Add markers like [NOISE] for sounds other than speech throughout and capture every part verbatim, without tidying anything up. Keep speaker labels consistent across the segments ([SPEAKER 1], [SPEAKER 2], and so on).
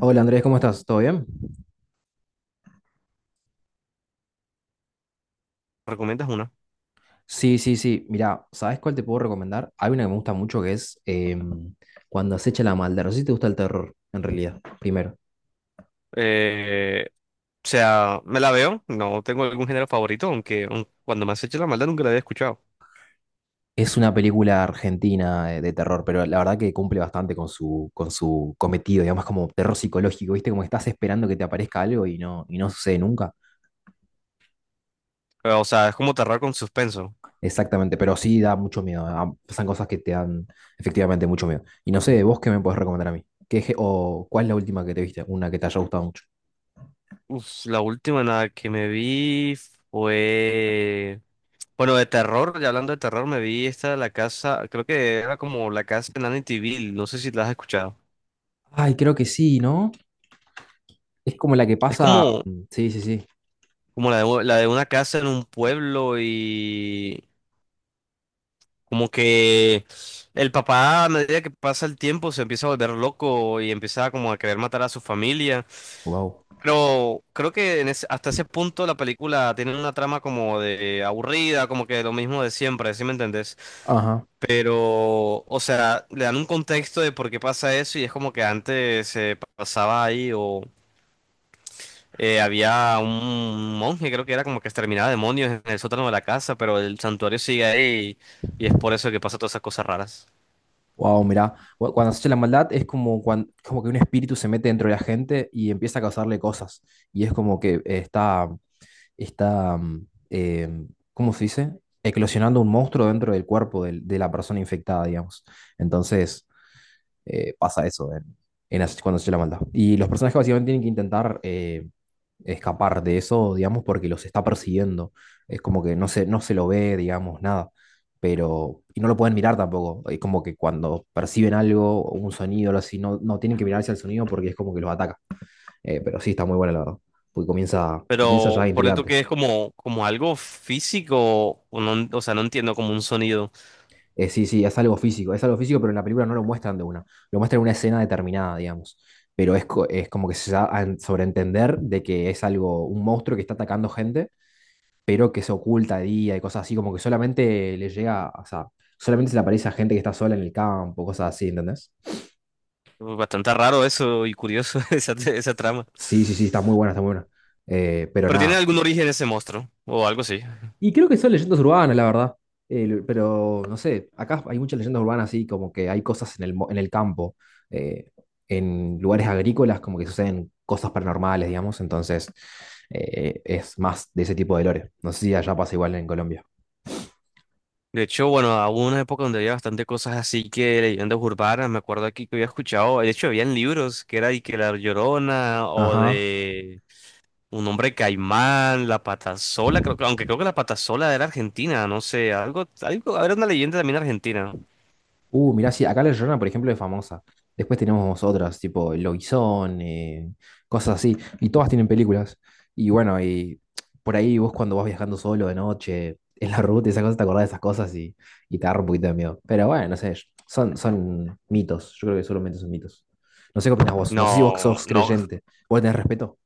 [SPEAKER 1] Hola Andrés, ¿cómo estás? ¿Todo bien?
[SPEAKER 2] ¿Recomiendas una?
[SPEAKER 1] Sí, sí, sí. Mira, ¿sabes cuál te puedo recomendar? Hay una que me gusta mucho que es em, Cuando acecha la maldad. No sé si te gusta el terror, en realidad, primero.
[SPEAKER 2] Eh, o sea, me la veo, no tengo algún género favorito, aunque aun- cuando me has hecho la maldad nunca la había escuchado.
[SPEAKER 1] Es una película argentina eh, de terror, pero la verdad que cumple bastante con su, con su cometido, digamos, como terror psicológico, ¿viste? Como estás esperando que te aparezca algo y no, y no sucede nunca.
[SPEAKER 2] Eh, O sea, es como terror con suspenso.
[SPEAKER 1] Exactamente, pero sí da mucho miedo. ah, Pasan cosas que te dan efectivamente mucho miedo. Y no sé, vos qué me podés recomendar a mí. ¿Qué, gé- o cuál es la última que te viste? Una que te haya gustado mucho.
[SPEAKER 2] Uf, la última en la que me vi fue... Bueno, de terror, ya hablando de terror, me vi esta de la casa, creo que era como la casa en Amityville, no sé si la has escuchado.
[SPEAKER 1] Ay, creo que sí, ¿no? Es como la que
[SPEAKER 2] Es
[SPEAKER 1] pasa.
[SPEAKER 2] como,
[SPEAKER 1] Sí, sí, sí.
[SPEAKER 2] como la de, la de una casa en un pueblo y como que el papá, a medida que pasa el tiempo, se empieza a volver loco y empieza como a querer matar a su familia.
[SPEAKER 1] Wow.
[SPEAKER 2] Pero creo que en ese- hasta ese punto la película tiene una trama como de aburrida, como que lo mismo de siempre, ¿sí me entendés?
[SPEAKER 1] Ajá.
[SPEAKER 2] Pero, o sea, le dan un contexto de por qué pasa eso y es como que antes se pasaba ahí o eh, había un monje, creo que era como que exterminaba demonios en el sótano de la casa, pero el santuario sigue ahí y, y es por eso que pasa todas esas cosas raras.
[SPEAKER 1] Wow, mirá. Cu- Cuando se echa la maldad es como, cuan- como que un espíritu se mete dentro de la gente y empieza a causarle cosas. Y es como que eh, está, está, mm, eh, ¿cómo se dice? Eclosionando un monstruo dentro del cuerpo del- de, la persona infectada, digamos. Entonces, eh, pasa eso en, en As- cuando se la manda. Y los personajes básicamente tienen que intentar eh, escapar de eso, digamos, porque los está persiguiendo. Es como que no se, no se lo ve, digamos, nada. Pero, y no lo pueden mirar tampoco. Es como que cuando perciben algo, o un sonido, algo así, no, no tienen que mirar hacia el sonido porque es como que los ataca. Eh, pero sí, está muy buena la verdad. Porque comienza, comienza ya
[SPEAKER 2] Pero por esto
[SPEAKER 1] intrigante.
[SPEAKER 2] que es como, como algo físico, o, no- o sea, no entiendo como un sonido.
[SPEAKER 1] Eh, sí, sí, es algo físico, es algo físico, pero en la película no lo muestran de una, lo muestran en una escena determinada, digamos. Pero es, co- es como que se da a en- sobreentender de que es algo, un monstruo que está atacando gente, pero que se oculta de día y cosas así, como que solamente le llega, o sea, solamente se le aparece a gente que está sola en el campo, cosas así, ¿entendés?
[SPEAKER 2] Bastante raro eso y curioso [LAUGHS] esa, esa trama.
[SPEAKER 1] Sí, sí, sí, está muy buena, está muy buena. Eh, pero
[SPEAKER 2] Pero tiene
[SPEAKER 1] nada,
[SPEAKER 2] algún origen ese monstruo, o algo así.
[SPEAKER 1] y creo que son leyendas urbanas, la verdad. El- pero no sé, acá hay muchas leyendas urbanas, así como que hay cosas en el, mo- en el campo, eh, en lugares agrícolas, como que suceden cosas paranormales, digamos. Entonces, eh, es más de ese tipo de lore. No sé si allá pasa igual en Colombia.
[SPEAKER 2] De hecho, bueno, hubo una época donde había bastante cosas así que leyendas urbanas, me acuerdo aquí que había escuchado, de hecho, habían libros que era de que La Llorona o
[SPEAKER 1] Ajá.
[SPEAKER 2] de un hombre caimán, La Patasola, creo, que- aunque creo que La Patasola era argentina, no sé, algo, algo, era una leyenda también argentina.
[SPEAKER 1] Uh, mirá, sí, acá la Llorona, por ejemplo, es famosa. Después tenemos otras, tipo El Lobizón, eh, cosas así. Y todas tienen películas. Y bueno, y por ahí vos cuando vas viajando solo de noche, en la ruta y esas cosas, te acordás de esas cosas y, y te agarra un poquito de miedo. Pero bueno, no sé, son, son mitos. Yo creo que solamente son mitos. No sé qué opinás vos. No sé si vos
[SPEAKER 2] No,
[SPEAKER 1] sos
[SPEAKER 2] no.
[SPEAKER 1] creyente. ¿Vos tenés respeto?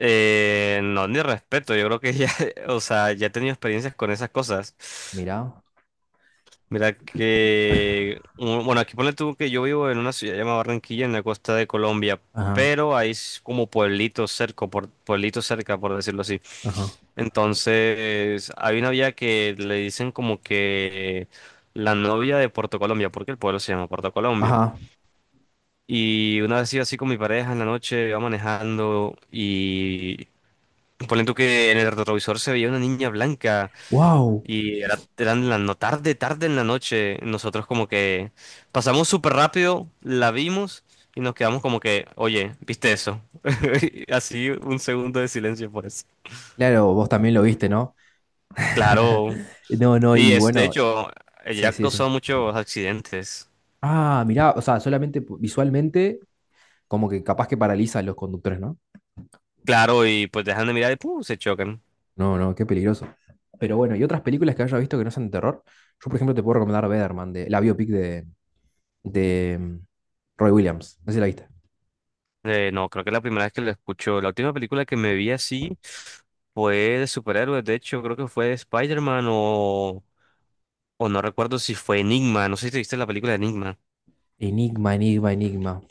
[SPEAKER 2] Eh, no, ni respeto, yo creo que ya, [LAUGHS] o sea, ya he tenido experiencias con esas cosas.
[SPEAKER 1] Mirá.
[SPEAKER 2] Mira que, mm, bueno, aquí ponle tú que yo vivo en una ciudad llamada Barranquilla, en la costa de Colombia,
[SPEAKER 1] Ajá,
[SPEAKER 2] pero hay s- como pueblitos cerca, por, pueblitos cerca, por decirlo así.
[SPEAKER 1] ajá,
[SPEAKER 2] Entonces, hay una vía que le dicen como que la novia de Puerto Colombia, porque el pueblo se llama Puerto Colombia.
[SPEAKER 1] ajá.
[SPEAKER 2] Y una vez iba así con mi pareja en la noche, iba manejando. Ponen tú que en el retrovisor se veía una niña blanca
[SPEAKER 1] ¡Wow!
[SPEAKER 2] y era, eran la no tarde, tarde en la noche. Nosotros como que pasamos súper rápido, la vimos y nos quedamos como que, oye, ¿viste eso? [LAUGHS] Así un segundo de silencio por eso.
[SPEAKER 1] Claro, vos también lo viste, ¿no? [LAUGHS]
[SPEAKER 2] Claro.
[SPEAKER 1] No, no,
[SPEAKER 2] Y
[SPEAKER 1] y
[SPEAKER 2] es, de
[SPEAKER 1] bueno,
[SPEAKER 2] hecho, ella
[SPEAKER 1] sí,
[SPEAKER 2] ha
[SPEAKER 1] sí, sí.
[SPEAKER 2] causado muchos accidentes.
[SPEAKER 1] Ah, mirá, o sea, solamente pu- visualmente, como que capaz que paraliza a los conductores, ¿no?
[SPEAKER 2] Claro, y pues dejan de mirar y ¡pum!, se chocan.
[SPEAKER 1] No, no, qué peligroso. Pero bueno, y otras películas que haya visto que no sean de terror. Yo, por ejemplo, te puedo recomendar Weatherman, de, la biopic de, de mm, Roy Williams. No sé si la viste.
[SPEAKER 2] Eh, no, creo que es la primera vez que lo escucho. La última película que me vi así fue de superhéroes. De hecho, creo que fue de Spider-Man o, o no recuerdo si fue Enigma. No sé si te viste la película de Enigma.
[SPEAKER 1] Enigma, enigma, enigma.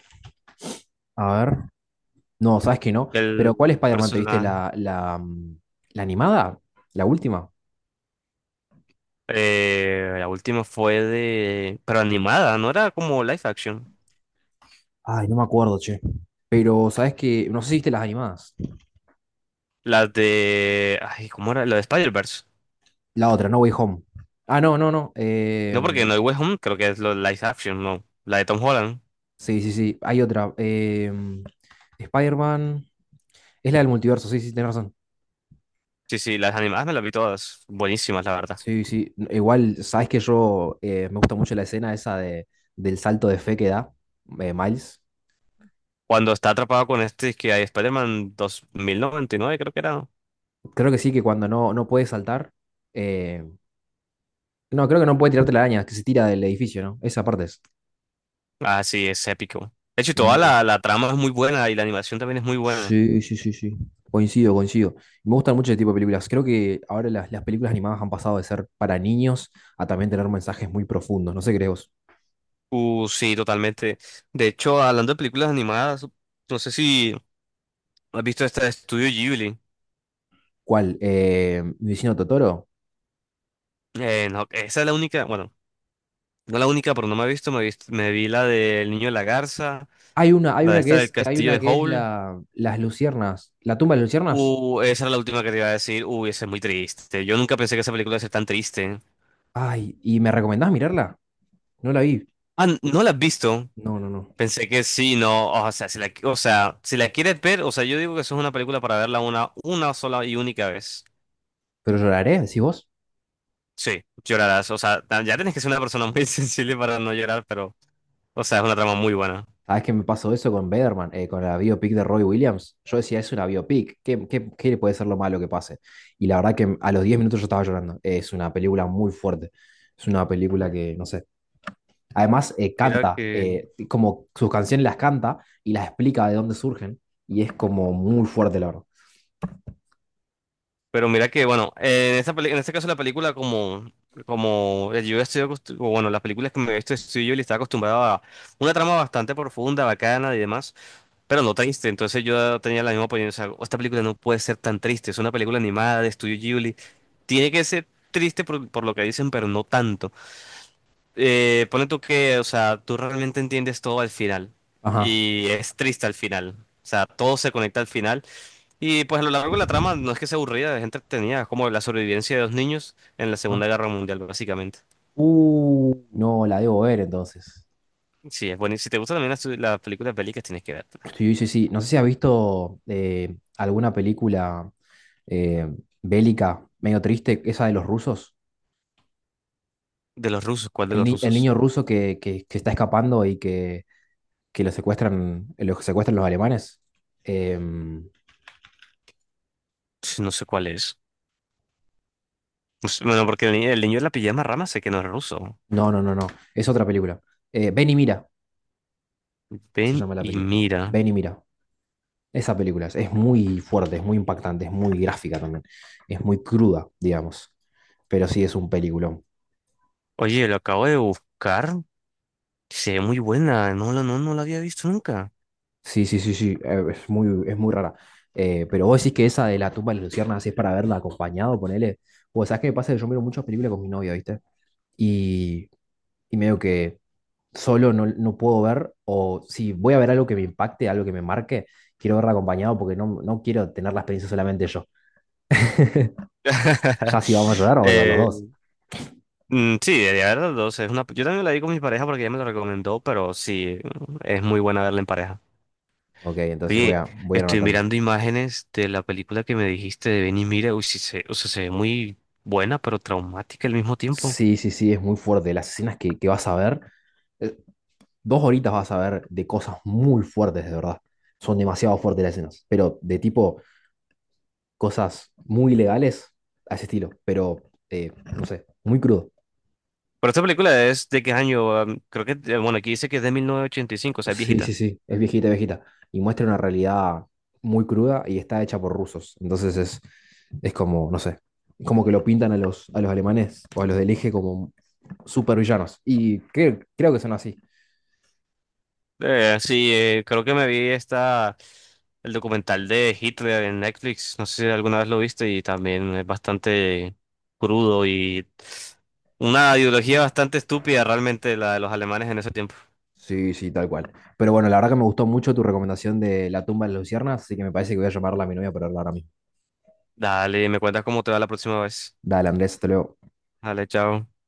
[SPEAKER 1] A ver. No, sabes que no. Pero ¿cuál
[SPEAKER 2] El
[SPEAKER 1] Spider-Man te viste?
[SPEAKER 2] personaje.
[SPEAKER 1] ¿La, la, mm, La animada? ¿La última?
[SPEAKER 2] Eh, la última fue de. Pero animada, no era como live action.
[SPEAKER 1] Ay, no me acuerdo, che. Pero sabes que. No sé si viste las animadas.
[SPEAKER 2] La de. Ay, ¿cómo era? La de Spider-Verse.
[SPEAKER 1] La otra, No Way Home. Ah, no, no, no. eh,
[SPEAKER 2] No, porque No Hay Way Home creo que es lo live action, no. La de Tom Holland.
[SPEAKER 1] Sí, sí, sí. Hay otra. eh, Spider-Man. Es la del multiverso, sí, sí, tenés razón.
[SPEAKER 2] Sí, sí, las animadas me las vi todas. Buenísimas, la verdad.
[SPEAKER 1] Sí, sí. Igual, sabes que yo eh, me gusta mucho la escena esa de, del salto de fe que da eh, Miles.
[SPEAKER 2] Cuando está atrapado con este, que hay Spider-Man dos mil noventa y nueve, creo que era. ¿No?
[SPEAKER 1] Creo que sí, que cuando no, no puede saltar. eh, no, creo que no puede tirarte la araña, que se tira del edificio, ¿no? Esa parte es.
[SPEAKER 2] Ah, sí, es épico. De hecho, toda
[SPEAKER 1] muy-
[SPEAKER 2] la, la trama es muy buena y la animación también es muy buena.
[SPEAKER 1] Sí, sí, sí, sí. Coincido, coincido. Me gustan mucho ese tipo de películas. Creo que ahora las, las películas animadas han pasado de ser para niños a también tener mensajes muy profundos. No sé, crees vos.
[SPEAKER 2] Uh, sí, totalmente. De hecho, hablando de películas animadas, no sé si has visto esta de Studio Ghibli.
[SPEAKER 1] ¿Cuál? Eh, mi vecino Totoro.
[SPEAKER 2] Eh, no, esa es la única, bueno, no la única, pero no me he visto, me, he visto- me vi la del Niño de la Garza,
[SPEAKER 1] Hay una, hay
[SPEAKER 2] la de
[SPEAKER 1] una que
[SPEAKER 2] esta del
[SPEAKER 1] es, hay
[SPEAKER 2] Castillo
[SPEAKER 1] una
[SPEAKER 2] de
[SPEAKER 1] que es
[SPEAKER 2] Howl.
[SPEAKER 1] la, las luciernas, la tumba de las luciernas.
[SPEAKER 2] Uh, esa era la última que te iba a decir. Uy, esa es muy triste. Yo nunca pensé que esa película iba a ser tan triste.
[SPEAKER 1] Ay, ¿y me recomendás mirarla? No la vi.
[SPEAKER 2] Ah, ¿no la has visto?
[SPEAKER 1] No, no, no.
[SPEAKER 2] Pensé que sí, no, o sea, si la, o sea, si la quieres ver, o sea, yo digo que eso es una película para verla una, una sola y única vez.
[SPEAKER 1] Pero lloraré, decís vos.
[SPEAKER 2] Sí, llorarás, o sea, ta- ya tienes que ser una persona muy [LAUGHS] sensible para no llorar, pero, o sea, es una trama muy buena.
[SPEAKER 1] Sabés que me pasó eso con Bederman, eh, con la biopic de Roy Williams. Yo decía, es una biopic, ¿qué, qué, qué puede ser lo malo que pase? Y la verdad que a los diez minutos yo estaba llorando. Es una película muy fuerte. Es una película que, no sé, además, eh,
[SPEAKER 2] Mira
[SPEAKER 1] canta,
[SPEAKER 2] que,
[SPEAKER 1] eh, como sus canciones las canta y las explica de dónde surgen. Y es como muy fuerte, la verdad.
[SPEAKER 2] pero mira que, bueno, eh, en esta peli- en este caso la película como, como eh, yo estoy, acostu- o bueno, las películas que me he visto estoy yo y estaba acostumbrado a una trama bastante profunda, bacana y demás. Pero no triste, entonces yo tenía la misma opinión. O sea, esta película no puede ser tan triste. Es una película animada de Estudio Ghibli. Tiene que ser triste por, por lo que dicen, pero no tanto. Eh, pone tú que, o sea, tú realmente entiendes todo al final.
[SPEAKER 1] Ajá.
[SPEAKER 2] Y es triste al final. O sea, todo se conecta al final. Y pues a lo largo de la trama no es que sea aburrida, es entretenida. Es como la sobrevivencia de dos niños en la Segunda
[SPEAKER 1] Ajá.
[SPEAKER 2] Guerra Mundial, básicamente.
[SPEAKER 1] Uh, no, la debo ver entonces.
[SPEAKER 2] Sí, es bueno. Y si te gustan también las, las películas bélicas, tienes que verla.
[SPEAKER 1] Sí, sí, sí. No sé si has visto eh, alguna película eh, bélica, medio triste, esa de los rusos.
[SPEAKER 2] De los rusos, ¿cuál de
[SPEAKER 1] El,
[SPEAKER 2] los
[SPEAKER 1] ni- el niño
[SPEAKER 2] rusos?
[SPEAKER 1] ruso que, que, que está escapando y que, que lo secuestran, lo secuestran los alemanes. Em,
[SPEAKER 2] No sé cuál es. Pues, bueno, porque el, ni- el niño de la pijama rama sé que no es ruso.
[SPEAKER 1] no, no, no, no. Es otra película. Eh, Ven y mira, se
[SPEAKER 2] Ven
[SPEAKER 1] llama la
[SPEAKER 2] y
[SPEAKER 1] película.
[SPEAKER 2] mira.
[SPEAKER 1] Ven y mira. Esa película es, es muy fuerte, es muy impactante, es muy gráfica también. Es muy cruda, digamos. Pero sí es un peliculón.
[SPEAKER 2] Oye, lo acabo de buscar. Se ve muy buena. No, la- no, no la había visto nunca.
[SPEAKER 1] Sí, sí, sí, sí. eh, Es muy, es muy rara. Eh, pero vos decís que esa de la tumba de las luciérnagas es para verla acompañado, ponele. Pues, ¿sabes qué me pasa? Yo miro muchas películas con mi novia, ¿viste? Y, y medio que solo no, no puedo ver, o si voy a ver algo que me impacte, algo que me marque, quiero verla acompañado porque no, no quiero tener la experiencia solamente yo. Ya si vamos a
[SPEAKER 2] [LAUGHS]
[SPEAKER 1] llorar, vamos a llorar los
[SPEAKER 2] Eh,
[SPEAKER 1] dos.
[SPEAKER 2] mm, sí, de verdad, o sea, es una, yo también la vi con mi pareja porque ella me la recomendó, pero sí, es muy buena verla en pareja.
[SPEAKER 1] Ok, entonces voy
[SPEAKER 2] Oye,
[SPEAKER 1] a, voy a ir
[SPEAKER 2] estoy
[SPEAKER 1] anotando.
[SPEAKER 2] mirando imágenes de la película que me dijiste de Ven y mira. Uy, sí, se, o sea, se ve muy buena, pero traumática al mismo tiempo.
[SPEAKER 1] Sí, sí, sí, es muy fuerte. Las escenas que, que vas a ver, eh, dos horitas vas a ver de cosas muy fuertes, de verdad. Son demasiado fuertes las escenas, pero de tipo cosas muy ilegales a ese estilo, pero eh, no sé, muy crudo.
[SPEAKER 2] Pero esta película es de qué año, um, creo que, eh, bueno, aquí dice que es de mil novecientos ochenta y cinco, o sea, es
[SPEAKER 1] Sí, sí,
[SPEAKER 2] viejita.
[SPEAKER 1] sí, es viejita, viejita. Y muestra una realidad muy cruda y está hecha por rusos. Entonces es, es como, no sé, como que lo pintan a los, a los alemanes o a los del eje como supervillanos. Y creo, creo que son así.
[SPEAKER 2] Eh, sí, eh, creo que me vi esta, el documental de Hitler en Netflix, no sé si alguna vez lo viste y también es bastante crudo y una ideología bastante estúpida realmente la de los alemanes en ese tiempo.
[SPEAKER 1] Sí, sí, tal cual. Pero bueno, la verdad que me gustó mucho tu recomendación de La tumba de las luciernas, así que me parece que voy a llamarla a mi novia para hablar a mí.
[SPEAKER 2] Dale, me cuentas cómo te va la próxima vez.
[SPEAKER 1] Dale, Andrés, te luego.
[SPEAKER 2] Dale, chao.